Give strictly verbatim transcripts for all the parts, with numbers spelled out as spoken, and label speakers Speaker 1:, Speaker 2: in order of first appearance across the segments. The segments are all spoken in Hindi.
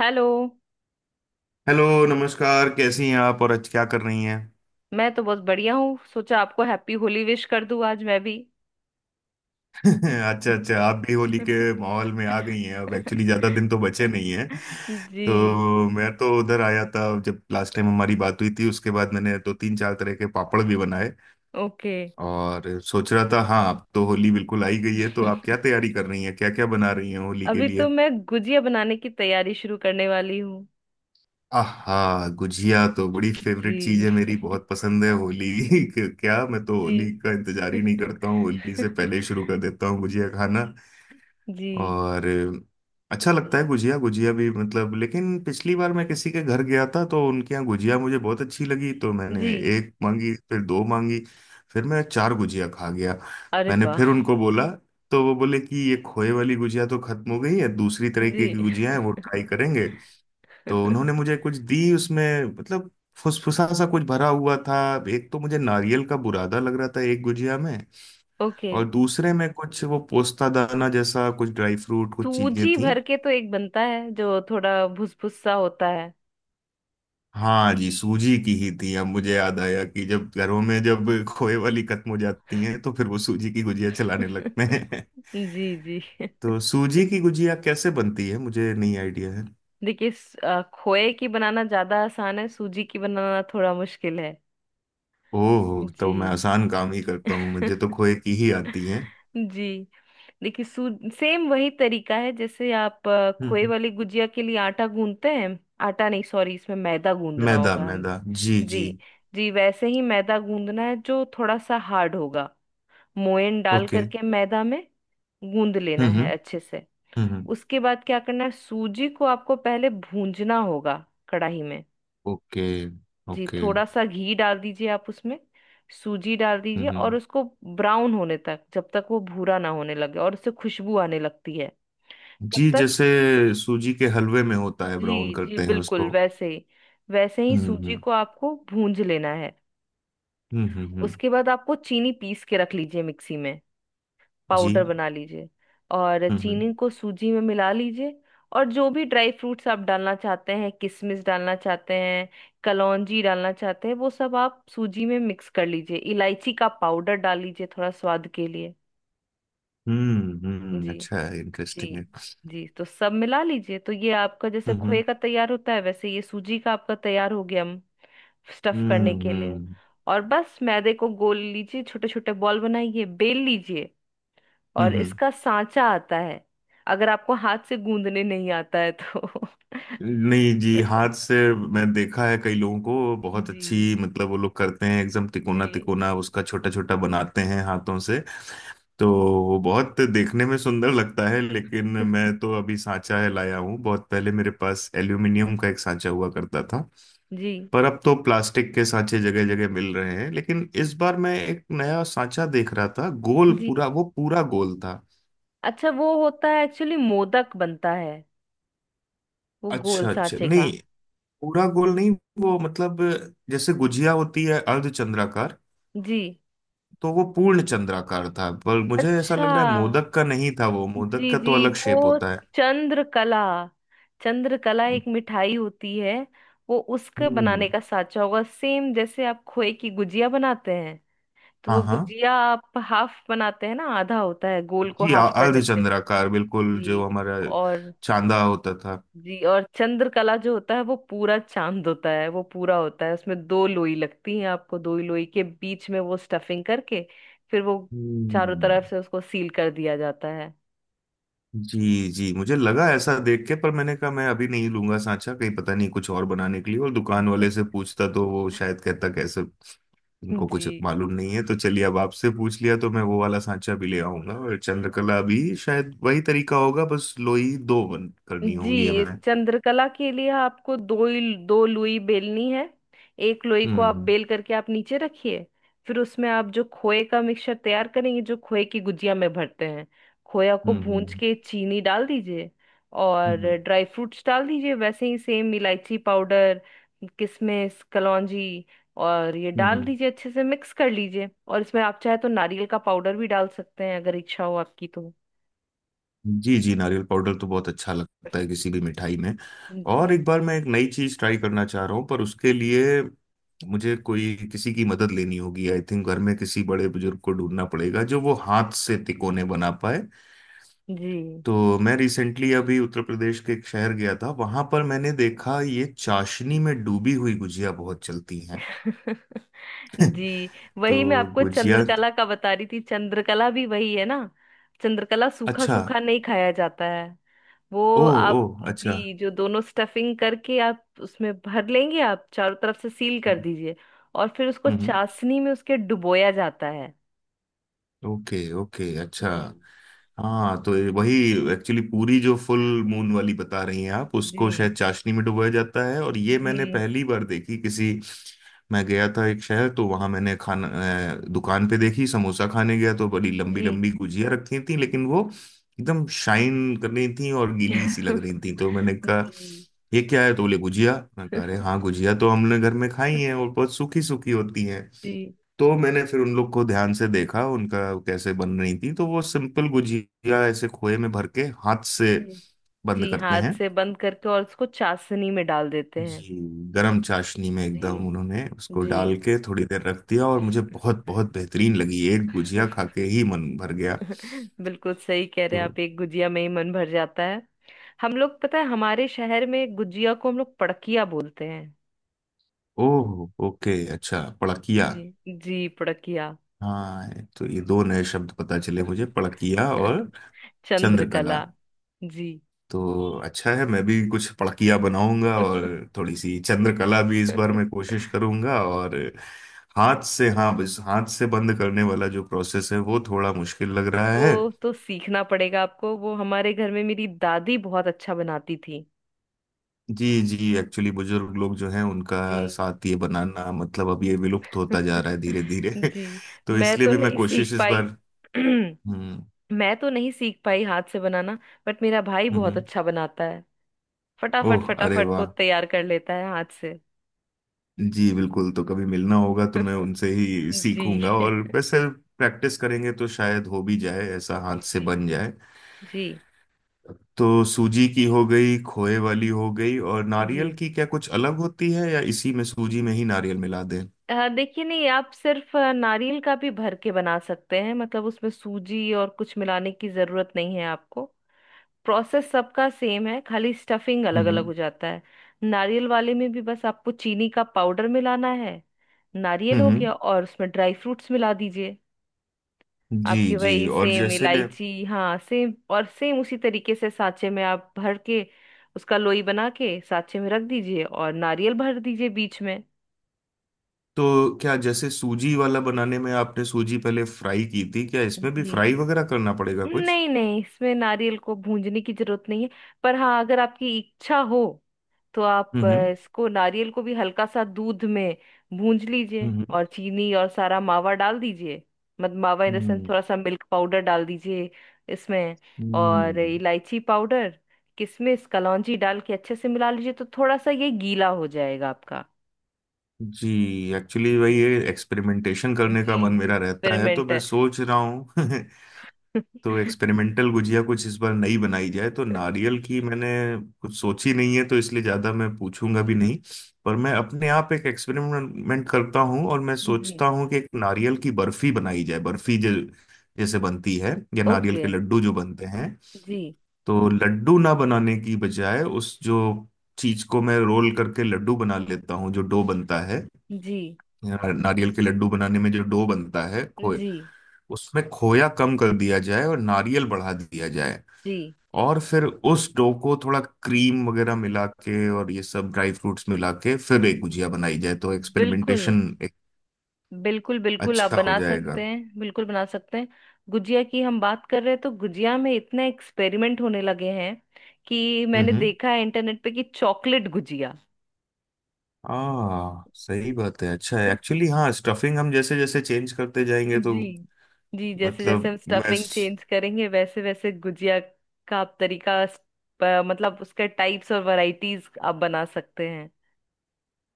Speaker 1: हेलो।
Speaker 2: हेलो नमस्कार, कैसी हैं आप? और अच्छा क्या कर रही हैं?
Speaker 1: मैं तो बहुत बढ़िया हूँ, सोचा आपको हैप्पी होली विश कर दूँ आज मैं भी।
Speaker 2: अच्छा अच्छा, आप भी होली के माहौल में आ गई हैं। अब एक्चुअली ज़्यादा दिन तो बचे नहीं हैं। तो
Speaker 1: जी।
Speaker 2: मैं तो उधर आया था जब लास्ट टाइम हमारी बात हुई थी, उसके बाद मैंने दो तीन चार तरह के पापड़ भी बनाए
Speaker 1: ओके।
Speaker 2: और सोच रहा था। हाँ, अब तो होली बिल्कुल आई गई है, तो आप क्या तैयारी कर रही हैं, क्या क्या बना रही हैं होली के
Speaker 1: अभी तो
Speaker 2: लिए?
Speaker 1: मैं गुजिया बनाने की तैयारी शुरू करने वाली हूँ।
Speaker 2: आहा, गुजिया तो बड़ी
Speaker 1: जी।
Speaker 2: फेवरेट चीज है मेरी, बहुत पसंद है होली। क्या! मैं तो
Speaker 1: जी।
Speaker 2: होली का इंतजार ही नहीं करता हूँ, होली से पहले ही शुरू कर देता हूँ गुजिया खाना।
Speaker 1: जी
Speaker 2: और अच्छा लगता है गुजिया। गुजिया भी मतलब, लेकिन पिछली बार मैं किसी के घर गया था तो उनके यहाँ गुजिया मुझे बहुत अच्छी लगी, तो
Speaker 1: जी।
Speaker 2: मैंने एक मांगी, फिर दो मांगी, फिर मैं चार गुजिया खा गया।
Speaker 1: अरे
Speaker 2: मैंने फिर
Speaker 1: वाह।
Speaker 2: उनको बोला, तो वो बोले कि ये खोए वाली गुजिया तो खत्म हो गई है, दूसरी तरीके
Speaker 1: जी।
Speaker 2: की गुजिया है वो ट्राई करेंगे। तो उन्होंने मुझे कुछ दी, उसमें मतलब फुसफुसा सा कुछ भरा हुआ था। एक तो मुझे नारियल का बुरादा लग रहा था एक गुजिया में,
Speaker 1: ओके।
Speaker 2: और दूसरे में कुछ वो पोस्ता दाना जैसा कुछ ड्राई फ्रूट कुछ चीजें
Speaker 1: सूजी
Speaker 2: थी।
Speaker 1: भर के तो एक बनता है जो थोड़ा भुस भुस सा होता है।
Speaker 2: हाँ जी, सूजी की ही थी। अब मुझे याद आया कि जब घरों में जब खोए वाली खत्म हो जाती हैं तो फिर वो सूजी की गुजिया चलाने लगते हैं।
Speaker 1: जी जी।
Speaker 2: तो सूजी की गुजिया कैसे बनती है मुझे नहीं आइडिया है।
Speaker 1: देखिए स- अ, खोए की बनाना ज्यादा आसान है, सूजी की बनाना थोड़ा मुश्किल है।
Speaker 2: ओह,
Speaker 1: जी।
Speaker 2: तो मैं आसान काम ही करता हूँ, मुझे तो खोए की ही आती है।
Speaker 1: जी। देखिए सू सेम वही तरीका है जैसे आप अ,
Speaker 2: हम्म
Speaker 1: खोए
Speaker 2: हम्म।
Speaker 1: वाली गुजिया के लिए आटा गूंदते हैं। आटा नहीं, सॉरी, इसमें मैदा गूंदना
Speaker 2: मैदा
Speaker 1: होगा। हम।
Speaker 2: मैदा, जी
Speaker 1: जी।
Speaker 2: जी।
Speaker 1: जी वैसे ही मैदा गूंदना है जो थोड़ा सा हार्ड होगा। मोयन डाल
Speaker 2: ओके।
Speaker 1: करके मैदा में गूंद
Speaker 2: हम्म
Speaker 1: लेना
Speaker 2: हम्म।
Speaker 1: है अच्छे से।
Speaker 2: हम्म हम्म।
Speaker 1: उसके बाद क्या करना है, सूजी को आपको पहले भूंजना होगा कढ़ाई में।
Speaker 2: ओके ओके, हम्म
Speaker 1: जी,
Speaker 2: okay,
Speaker 1: थोड़ा सा घी डाल दीजिए आप उसमें। सूजी डाल
Speaker 2: okay,
Speaker 1: दीजिए और
Speaker 2: हम्म,
Speaker 1: उसको ब्राउन होने तक, जब तक वो भूरा ना होने लगे और उससे खुशबू आने लगती है, तब
Speaker 2: जी।
Speaker 1: तक।
Speaker 2: जैसे सूजी के हलवे में होता है, ब्राउन
Speaker 1: जी जी
Speaker 2: करते हैं
Speaker 1: बिल्कुल
Speaker 2: उसको।
Speaker 1: वैसे ही। वैसे ही
Speaker 2: हम्म
Speaker 1: सूजी
Speaker 2: हम्म।
Speaker 1: को आपको भूंज लेना है।
Speaker 2: हम्म हम्म हम्म,
Speaker 1: उसके बाद आपको चीनी पीस के रख लीजिए मिक्सी में, पाउडर
Speaker 2: जी।
Speaker 1: बना लीजिए। और
Speaker 2: हम्म हम्म।
Speaker 1: चीनी को सूजी में मिला लीजिए। और जो भी ड्राई फ्रूट्स आप डालना चाहते हैं, किशमिश डालना चाहते हैं, कलौंजी डालना चाहते हैं, वो सब आप सूजी में मिक्स कर लीजिए। इलायची का पाउडर डाल लीजिए थोड़ा स्वाद के लिए।
Speaker 2: हम्म हम्म,
Speaker 1: जी।
Speaker 2: अच्छा है,
Speaker 1: जी।
Speaker 2: इंटरेस्टिंग है।
Speaker 1: जी, तो सब मिला लीजिए, तो ये आपका जैसे खोए
Speaker 2: हम्म
Speaker 1: का तैयार होता है, वैसे ये सूजी का आपका तैयार हो गया स्टफ
Speaker 2: हम्म।
Speaker 1: करने
Speaker 2: हम्म
Speaker 1: के लिए।
Speaker 2: हम्म
Speaker 1: और बस मैदे को गोल लीजिए, छोटे छोटे बॉल बनाइए, बेल लीजिए।
Speaker 2: हम्म।
Speaker 1: और
Speaker 2: हम्म।
Speaker 1: इसका सांचा आता है, अगर आपको हाथ से गूंदने नहीं आता है तो।
Speaker 2: नहीं जी, हाथ से मैं देखा है कई लोगों को बहुत अच्छी,
Speaker 1: जी।
Speaker 2: मतलब वो लोग करते हैं एकदम तिकोना
Speaker 1: जी।
Speaker 2: तिकोना उसका, छोटा छोटा बनाते हैं हाथों से। तो वो बहुत देखने में सुंदर लगता है, लेकिन मैं तो अभी सांचा है लाया हूँ। बहुत पहले मेरे पास एल्यूमिनियम का एक सांचा हुआ करता था,
Speaker 1: जी।
Speaker 2: पर अब तो प्लास्टिक के सांचे जगह जगह मिल रहे हैं। लेकिन इस बार मैं एक नया सांचा देख रहा था, गोल
Speaker 1: जी,
Speaker 2: पूरा, वो पूरा गोल था।
Speaker 1: अच्छा वो होता है एक्चुअली, मोदक बनता है वो गोल
Speaker 2: अच्छा अच्छा,
Speaker 1: सांचे का।
Speaker 2: नहीं पूरा गोल नहीं। वो मतलब जैसे गुजिया होती है अर्ध चंद्राकार,
Speaker 1: जी।
Speaker 2: तो वो पूर्ण चंद्राकार था। पर मुझे ऐसा
Speaker 1: अच्छा।
Speaker 2: लग रहा है मोदक का नहीं था वो, मोदक
Speaker 1: जी।
Speaker 2: का तो
Speaker 1: जी
Speaker 2: अलग शेप
Speaker 1: वो
Speaker 2: होता है।
Speaker 1: चंद्रकला, चंद्रकला एक मिठाई होती है। वो उसके
Speaker 2: हम्म।
Speaker 1: बनाने का सांचा होगा, सेम जैसे आप खोए की गुजिया बनाते हैं, तो
Speaker 2: हाँ
Speaker 1: वो
Speaker 2: हाँ,
Speaker 1: गुजिया आप हाफ बनाते हैं ना, आधा होता है, गोल को
Speaker 2: जी
Speaker 1: हाफ कर
Speaker 2: अर्ध
Speaker 1: लेते हैं।
Speaker 2: चंद्राकार बिल्कुल, जो
Speaker 1: जी।
Speaker 2: हमारा
Speaker 1: और।
Speaker 2: चांदा होता था।
Speaker 1: जी और चंद्रकला जो होता है वो पूरा चांद होता है, वो पूरा होता है, उसमें दो लोई लगती हैं आपको, दो ही लोई के बीच में वो स्टफिंग करके फिर वो चारों तरफ
Speaker 2: हम्म।
Speaker 1: से उसको सील कर दिया जाता है।
Speaker 2: जी जी, मुझे लगा ऐसा देख के, पर मैंने कहा मैं अभी नहीं लूंगा सांचा, कहीं पता नहीं कुछ और बनाने के लिए, और दुकान वाले से पूछता तो वो शायद कहता, कैसे इनको
Speaker 1: जी।
Speaker 2: कुछ मालूम नहीं है। तो चलिए, अब आपसे पूछ लिया, तो मैं वो वाला सांचा भी ले आऊंगा और चंद्रकला भी। शायद वही तरीका होगा, बस लोई दो बन करनी
Speaker 1: जी
Speaker 2: होंगी
Speaker 1: इस
Speaker 2: हमें।
Speaker 1: चंद्रकला के लिए आपको दो ही दो लोई बेलनी है। एक लोई को आप
Speaker 2: हम्म
Speaker 1: बेल करके आप नीचे रखिए। फिर उसमें आप जो खोए का मिक्सचर तैयार करेंगे, जो खोए की गुजिया में भरते हैं, खोया को
Speaker 2: हम्म।
Speaker 1: भूंज
Speaker 2: हम्म
Speaker 1: के चीनी डाल दीजिए
Speaker 2: हम्म।
Speaker 1: और
Speaker 2: हम्म
Speaker 1: ड्राई फ्रूट्स डाल दीजिए, वैसे ही सेम इलायची पाउडर, किशमिश, कलौंजी। और ये
Speaker 2: हम्म, हम्म,
Speaker 1: डाल दीजिए, अच्छे से मिक्स कर लीजिए। और इसमें आप चाहे तो नारियल का पाउडर भी डाल सकते हैं, अगर इच्छा हो आपकी तो।
Speaker 2: जी जी, नारियल पाउडर तो बहुत अच्छा लगता है किसी भी मिठाई में। और एक
Speaker 1: जी।
Speaker 2: बार मैं एक नई चीज ट्राई करना चाह रहा हूँ, पर उसके लिए मुझे कोई किसी की मदद लेनी होगी। आई थिंक घर में किसी बड़े बुजुर्ग को ढूंढना पड़ेगा जो वो हाथ से तिकोने बना पाए।
Speaker 1: जी।
Speaker 2: तो मैं रिसेंटली अभी उत्तर प्रदेश के एक शहर गया था, वहां पर मैंने देखा ये चाशनी में डूबी हुई गुजिया बहुत चलती हैं।
Speaker 1: जी
Speaker 2: तो
Speaker 1: वही मैं आपको
Speaker 2: गुजिया।
Speaker 1: चंद्रकला का बता रही थी। चंद्रकला भी वही है ना, चंद्रकला सूखा
Speaker 2: अच्छा।
Speaker 1: सूखा नहीं खाया जाता है। वो
Speaker 2: ओ। ओ।
Speaker 1: आप,
Speaker 2: अच्छा।
Speaker 1: जी, जो दोनों स्टफिंग करके आप उसमें भर लेंगे, आप चारों तरफ से सील कर
Speaker 2: हम्म
Speaker 1: दीजिए और फिर उसको
Speaker 2: हम्म,
Speaker 1: चाशनी में उसके डुबोया जाता है।
Speaker 2: ओके ओके, अच्छा।
Speaker 1: जी।
Speaker 2: हाँ, तो ये वही एक्चुअली पूरी जो फुल मून वाली बता रही हैं आप, उसको शायद
Speaker 1: जी।
Speaker 2: चाशनी में डुबाया जाता है। और ये मैंने
Speaker 1: जी।
Speaker 2: पहली बार देखी किसी। मैं गया था एक शहर, तो वहां मैंने खाना अ, दुकान पे देखी, समोसा खाने गया तो बड़ी लंबी
Speaker 1: जी।
Speaker 2: लंबी गुजिया रखी थी, लेकिन वो एकदम शाइन कर रही थी और गीली सी लग रही थी। तो मैंने कहा
Speaker 1: जी।
Speaker 2: ये क्या है, तो बोले गुजिया। मैं कह रहे हाँ, गुजिया तो हमने घर में खाई है और बहुत सूखी सूखी होती है।
Speaker 1: जी।
Speaker 2: तो मैंने फिर उन लोग को ध्यान से देखा उनका, कैसे बन रही थी, तो वो सिंपल गुजिया ऐसे खोए में भर के हाथ से
Speaker 1: जी।
Speaker 2: बंद
Speaker 1: जी
Speaker 2: करते
Speaker 1: हाथ
Speaker 2: हैं।
Speaker 1: से बंद करके और उसको चाशनी में डाल देते हैं।
Speaker 2: जी। गरम चाशनी में
Speaker 1: जी
Speaker 2: एकदम उन्होंने उसको
Speaker 1: जी।
Speaker 2: डाल के थोड़ी देर रख दिया और मुझे बहुत बहुत बेहतरीन लगी, एक गुजिया खा के ही मन भर गया।
Speaker 1: बिल्कुल सही कह रहे
Speaker 2: तो
Speaker 1: हैं आप, एक गुजिया में ही मन भर जाता है। हम लोग, पता है, हमारे शहर में गुजिया को हम लोग पड़किया बोलते हैं।
Speaker 2: ओह ओके, अच्छा, पड़किया।
Speaker 1: जी। जी पड़किया।
Speaker 2: हाँ, तो ये दो नए शब्द पता चले मुझे, पड़किया और चंद्रकला।
Speaker 1: चंद्रकला। जी।
Speaker 2: तो अच्छा है, मैं भी कुछ पड़कियाँ बनाऊंगा और थोड़ी सी चंद्रकला भी इस बार मैं कोशिश करूंगा। और हाथ से, हाँ, बस हाथ से बंद करने वाला जो प्रोसेस है वो थोड़ा मुश्किल लग रहा
Speaker 1: वो
Speaker 2: है।
Speaker 1: तो सीखना पड़ेगा आपको। वो हमारे घर में मेरी दादी बहुत अच्छा बनाती थी।
Speaker 2: जी जी, एक्चुअली बुजुर्ग लोग जो हैं उनका
Speaker 1: जी।
Speaker 2: साथ ये बनाना मतलब अब ये विलुप्त होता जा रहा है धीरे धीरे।
Speaker 1: जी
Speaker 2: तो
Speaker 1: मैं
Speaker 2: इसलिए
Speaker 1: तो
Speaker 2: भी मैं
Speaker 1: नहीं
Speaker 2: कोशिश
Speaker 1: सीख
Speaker 2: इस
Speaker 1: पाई।
Speaker 2: बार। हम्म
Speaker 1: मैं तो नहीं सीख पाई हाथ से बनाना। बट मेरा भाई
Speaker 2: हम्म।
Speaker 1: बहुत
Speaker 2: हम्म।
Speaker 1: अच्छा बनाता, फटाफट
Speaker 2: ओह अरे
Speaker 1: फटाफट वो
Speaker 2: वाह,
Speaker 1: तैयार कर लेता है हाथ से।
Speaker 2: जी बिल्कुल, तो कभी मिलना होगा तो मैं उनसे ही
Speaker 1: जी।
Speaker 2: सीखूंगा। और वैसे प्रैक्टिस करेंगे तो शायद हो भी जाए, ऐसा हाथ से
Speaker 1: जी।
Speaker 2: बन जाए।
Speaker 1: जी।
Speaker 2: तो सूजी की हो गई, खोए वाली हो गई, और
Speaker 1: जी
Speaker 2: नारियल की क्या कुछ अलग होती है या इसी में सूजी में ही नारियल मिला दें?
Speaker 1: अ, देखिए, नहीं, आप सिर्फ अ, नारियल का भी भर के बना सकते हैं, मतलब उसमें सूजी और कुछ मिलाने की जरूरत नहीं है आपको। प्रोसेस सबका सेम है, खाली स्टफिंग अलग अलग
Speaker 2: हम्म
Speaker 1: हो जाता है। नारियल वाले में भी बस आपको चीनी का पाउडर मिलाना है। नारियल हो
Speaker 2: हम्म,
Speaker 1: गया और उसमें ड्राई फ्रूट्स मिला दीजिए।
Speaker 2: जी
Speaker 1: आपकी
Speaker 2: जी,
Speaker 1: वही
Speaker 2: और
Speaker 1: सेम
Speaker 2: जैसे।
Speaker 1: इलायची, हाँ, सेम और सेम उसी तरीके से साँचे में आप भर के, उसका लोई बना के साँचे में रख दीजिए और नारियल भर दीजिए बीच में।
Speaker 2: तो क्या जैसे सूजी वाला बनाने में आपने सूजी पहले फ्राई की थी, क्या इसमें भी
Speaker 1: जी,
Speaker 2: फ्राई वगैरह करना पड़ेगा कुछ?
Speaker 1: नहीं नहीं, इसमें नारियल को भूंजने की जरूरत नहीं है। पर हाँ, अगर आपकी इच्छा हो तो आप अ,
Speaker 2: हम्म
Speaker 1: इसको, नारियल को भी हल्का सा दूध में भूंज लीजिए
Speaker 2: हम्म।
Speaker 1: और चीनी और सारा मावा डाल दीजिए। मत मावा इन द सेंस,
Speaker 2: हम्म
Speaker 1: थोड़ा सा मिल्क पाउडर डाल दीजिए इसमें।
Speaker 2: हम्म।
Speaker 1: और
Speaker 2: हम्म,
Speaker 1: इलायची पाउडर, किशमिश, कलौंजी डाल के अच्छे से मिला लीजिए, तो थोड़ा सा ये गीला हो जाएगा आपका।
Speaker 2: जी एक्चुअली
Speaker 1: जी।
Speaker 2: वही है, एक्सपेरिमेंटेशन करने का
Speaker 1: जी,
Speaker 2: मन
Speaker 1: ये
Speaker 2: मेरा रहता है तो
Speaker 1: एक्सपेरिमेंट
Speaker 2: मैं
Speaker 1: है।
Speaker 2: सोच रहा हूँ। तो एक्सपेरिमेंटल गुजिया कुछ इस बार नई बनाई जाए, तो नारियल की मैंने कुछ सोची नहीं है तो इसलिए ज़्यादा मैं पूछूंगा भी नहीं। पर मैं अपने आप एक एक्सपेरिमेंट करता हूँ और मैं
Speaker 1: जी।
Speaker 2: सोचता हूँ कि एक नारियल की बर्फी बनाई जाए, बर्फी जो जैसे बनती है, या नारियल
Speaker 1: ओके।
Speaker 2: के लड्डू जो बनते हैं,
Speaker 1: जी।
Speaker 2: तो लड्डू ना बनाने की बजाय उस जो चीज को मैं रोल करके लड्डू बना लेता हूँ जो डो बनता है,
Speaker 1: जी।
Speaker 2: या नारियल के लड्डू बनाने में जो डो बनता है खोए,
Speaker 1: जी।
Speaker 2: उसमें खोया कम कर दिया जाए और नारियल बढ़ा दिया जाए,
Speaker 1: जी
Speaker 2: और फिर उस डो को थोड़ा क्रीम वगैरह मिला के और ये सब ड्राई फ्रूट्स मिला के फिर एक गुजिया बनाई जाए तो
Speaker 1: बिल्कुल
Speaker 2: एक्सपेरिमेंटेशन एक।
Speaker 1: बिल्कुल। बिल्कुल आप
Speaker 2: अच्छा हो
Speaker 1: बना
Speaker 2: जाएगा।
Speaker 1: सकते हैं, बिल्कुल बना सकते हैं। गुजिया की हम बात कर रहे हैं तो गुजिया में इतने एक्सपेरिमेंट होने लगे हैं कि
Speaker 2: हम्म
Speaker 1: मैंने
Speaker 2: हम्म,
Speaker 1: देखा है इंटरनेट पे कि चॉकलेट गुजिया।
Speaker 2: आ सही बात है, अच्छा है एक्चुअली। हाँ, स्टफिंग हम जैसे जैसे चेंज करते जाएंगे तो
Speaker 1: जी। जी जैसे जैसे
Speaker 2: मतलब
Speaker 1: हम
Speaker 2: मैं।
Speaker 1: स्टफिंग चेंज करेंगे वैसे वैसे गुजिया का आप तरीका स- प- मतलब उसके टाइप्स और वैरायटीज आप बना सकते हैं।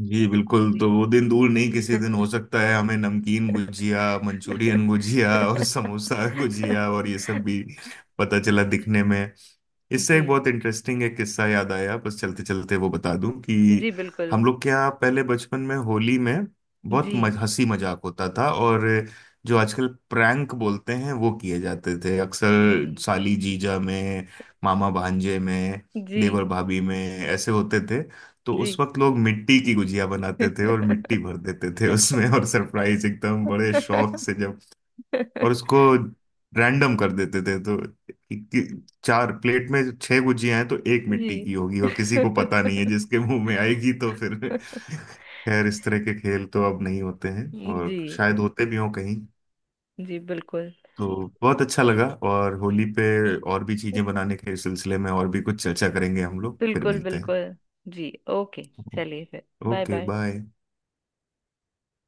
Speaker 2: जी बिल्कुल, तो
Speaker 1: जी।
Speaker 2: वो दिन दूर नहीं, किसी दिन हो सकता है हमें नमकीन गुजिया, मंचूरियन गुजिया और समोसा गुजिया और ये सब भी पता चला
Speaker 1: जी।
Speaker 2: दिखने में। इससे
Speaker 1: जी।
Speaker 2: एक बहुत इंटरेस्टिंग एक किस्सा याद आया, बस चलते चलते वो बता दूं कि
Speaker 1: जी बिल्कुल।
Speaker 2: हम लोग के यहाँ पहले बचपन में होली में बहुत
Speaker 1: जी।
Speaker 2: मज, हंसी मजाक होता था। और जो आजकल प्रैंक बोलते हैं वो किए जाते थे अक्सर,
Speaker 1: जी।
Speaker 2: साली जीजा में, मामा भांजे में,
Speaker 1: जी।
Speaker 2: देवर भाभी में, ऐसे होते थे। तो
Speaker 1: जी।
Speaker 2: उस वक्त लोग मिट्टी की गुजिया बनाते थे और मिट्टी भर देते थे उसमें, और सरप्राइज एकदम बड़े शौक से, और उसको रैंडम कर देते थे। तो इक्की- चार प्लेट में छह गुजियां हैं तो एक मिट्टी
Speaker 1: जी।
Speaker 2: की होगी और किसी को पता नहीं है, जिसके मुंह में आएगी तो फिर। खैर इस तरह के खेल तो अब नहीं होते हैं, और
Speaker 1: जी
Speaker 2: शायद होते भी हों कहीं।
Speaker 1: जी बिल्कुल।
Speaker 2: तो बहुत अच्छा लगा, और होली
Speaker 1: जी
Speaker 2: पे और भी चीजें बनाने के सिलसिले में और भी कुछ चर्चा करेंगे, हम लोग फिर
Speaker 1: बिल्कुल
Speaker 2: मिलते हैं।
Speaker 1: बिल्कुल। जी ओके, चलिए, फिर बाय
Speaker 2: ओके
Speaker 1: बाय।
Speaker 2: बाय।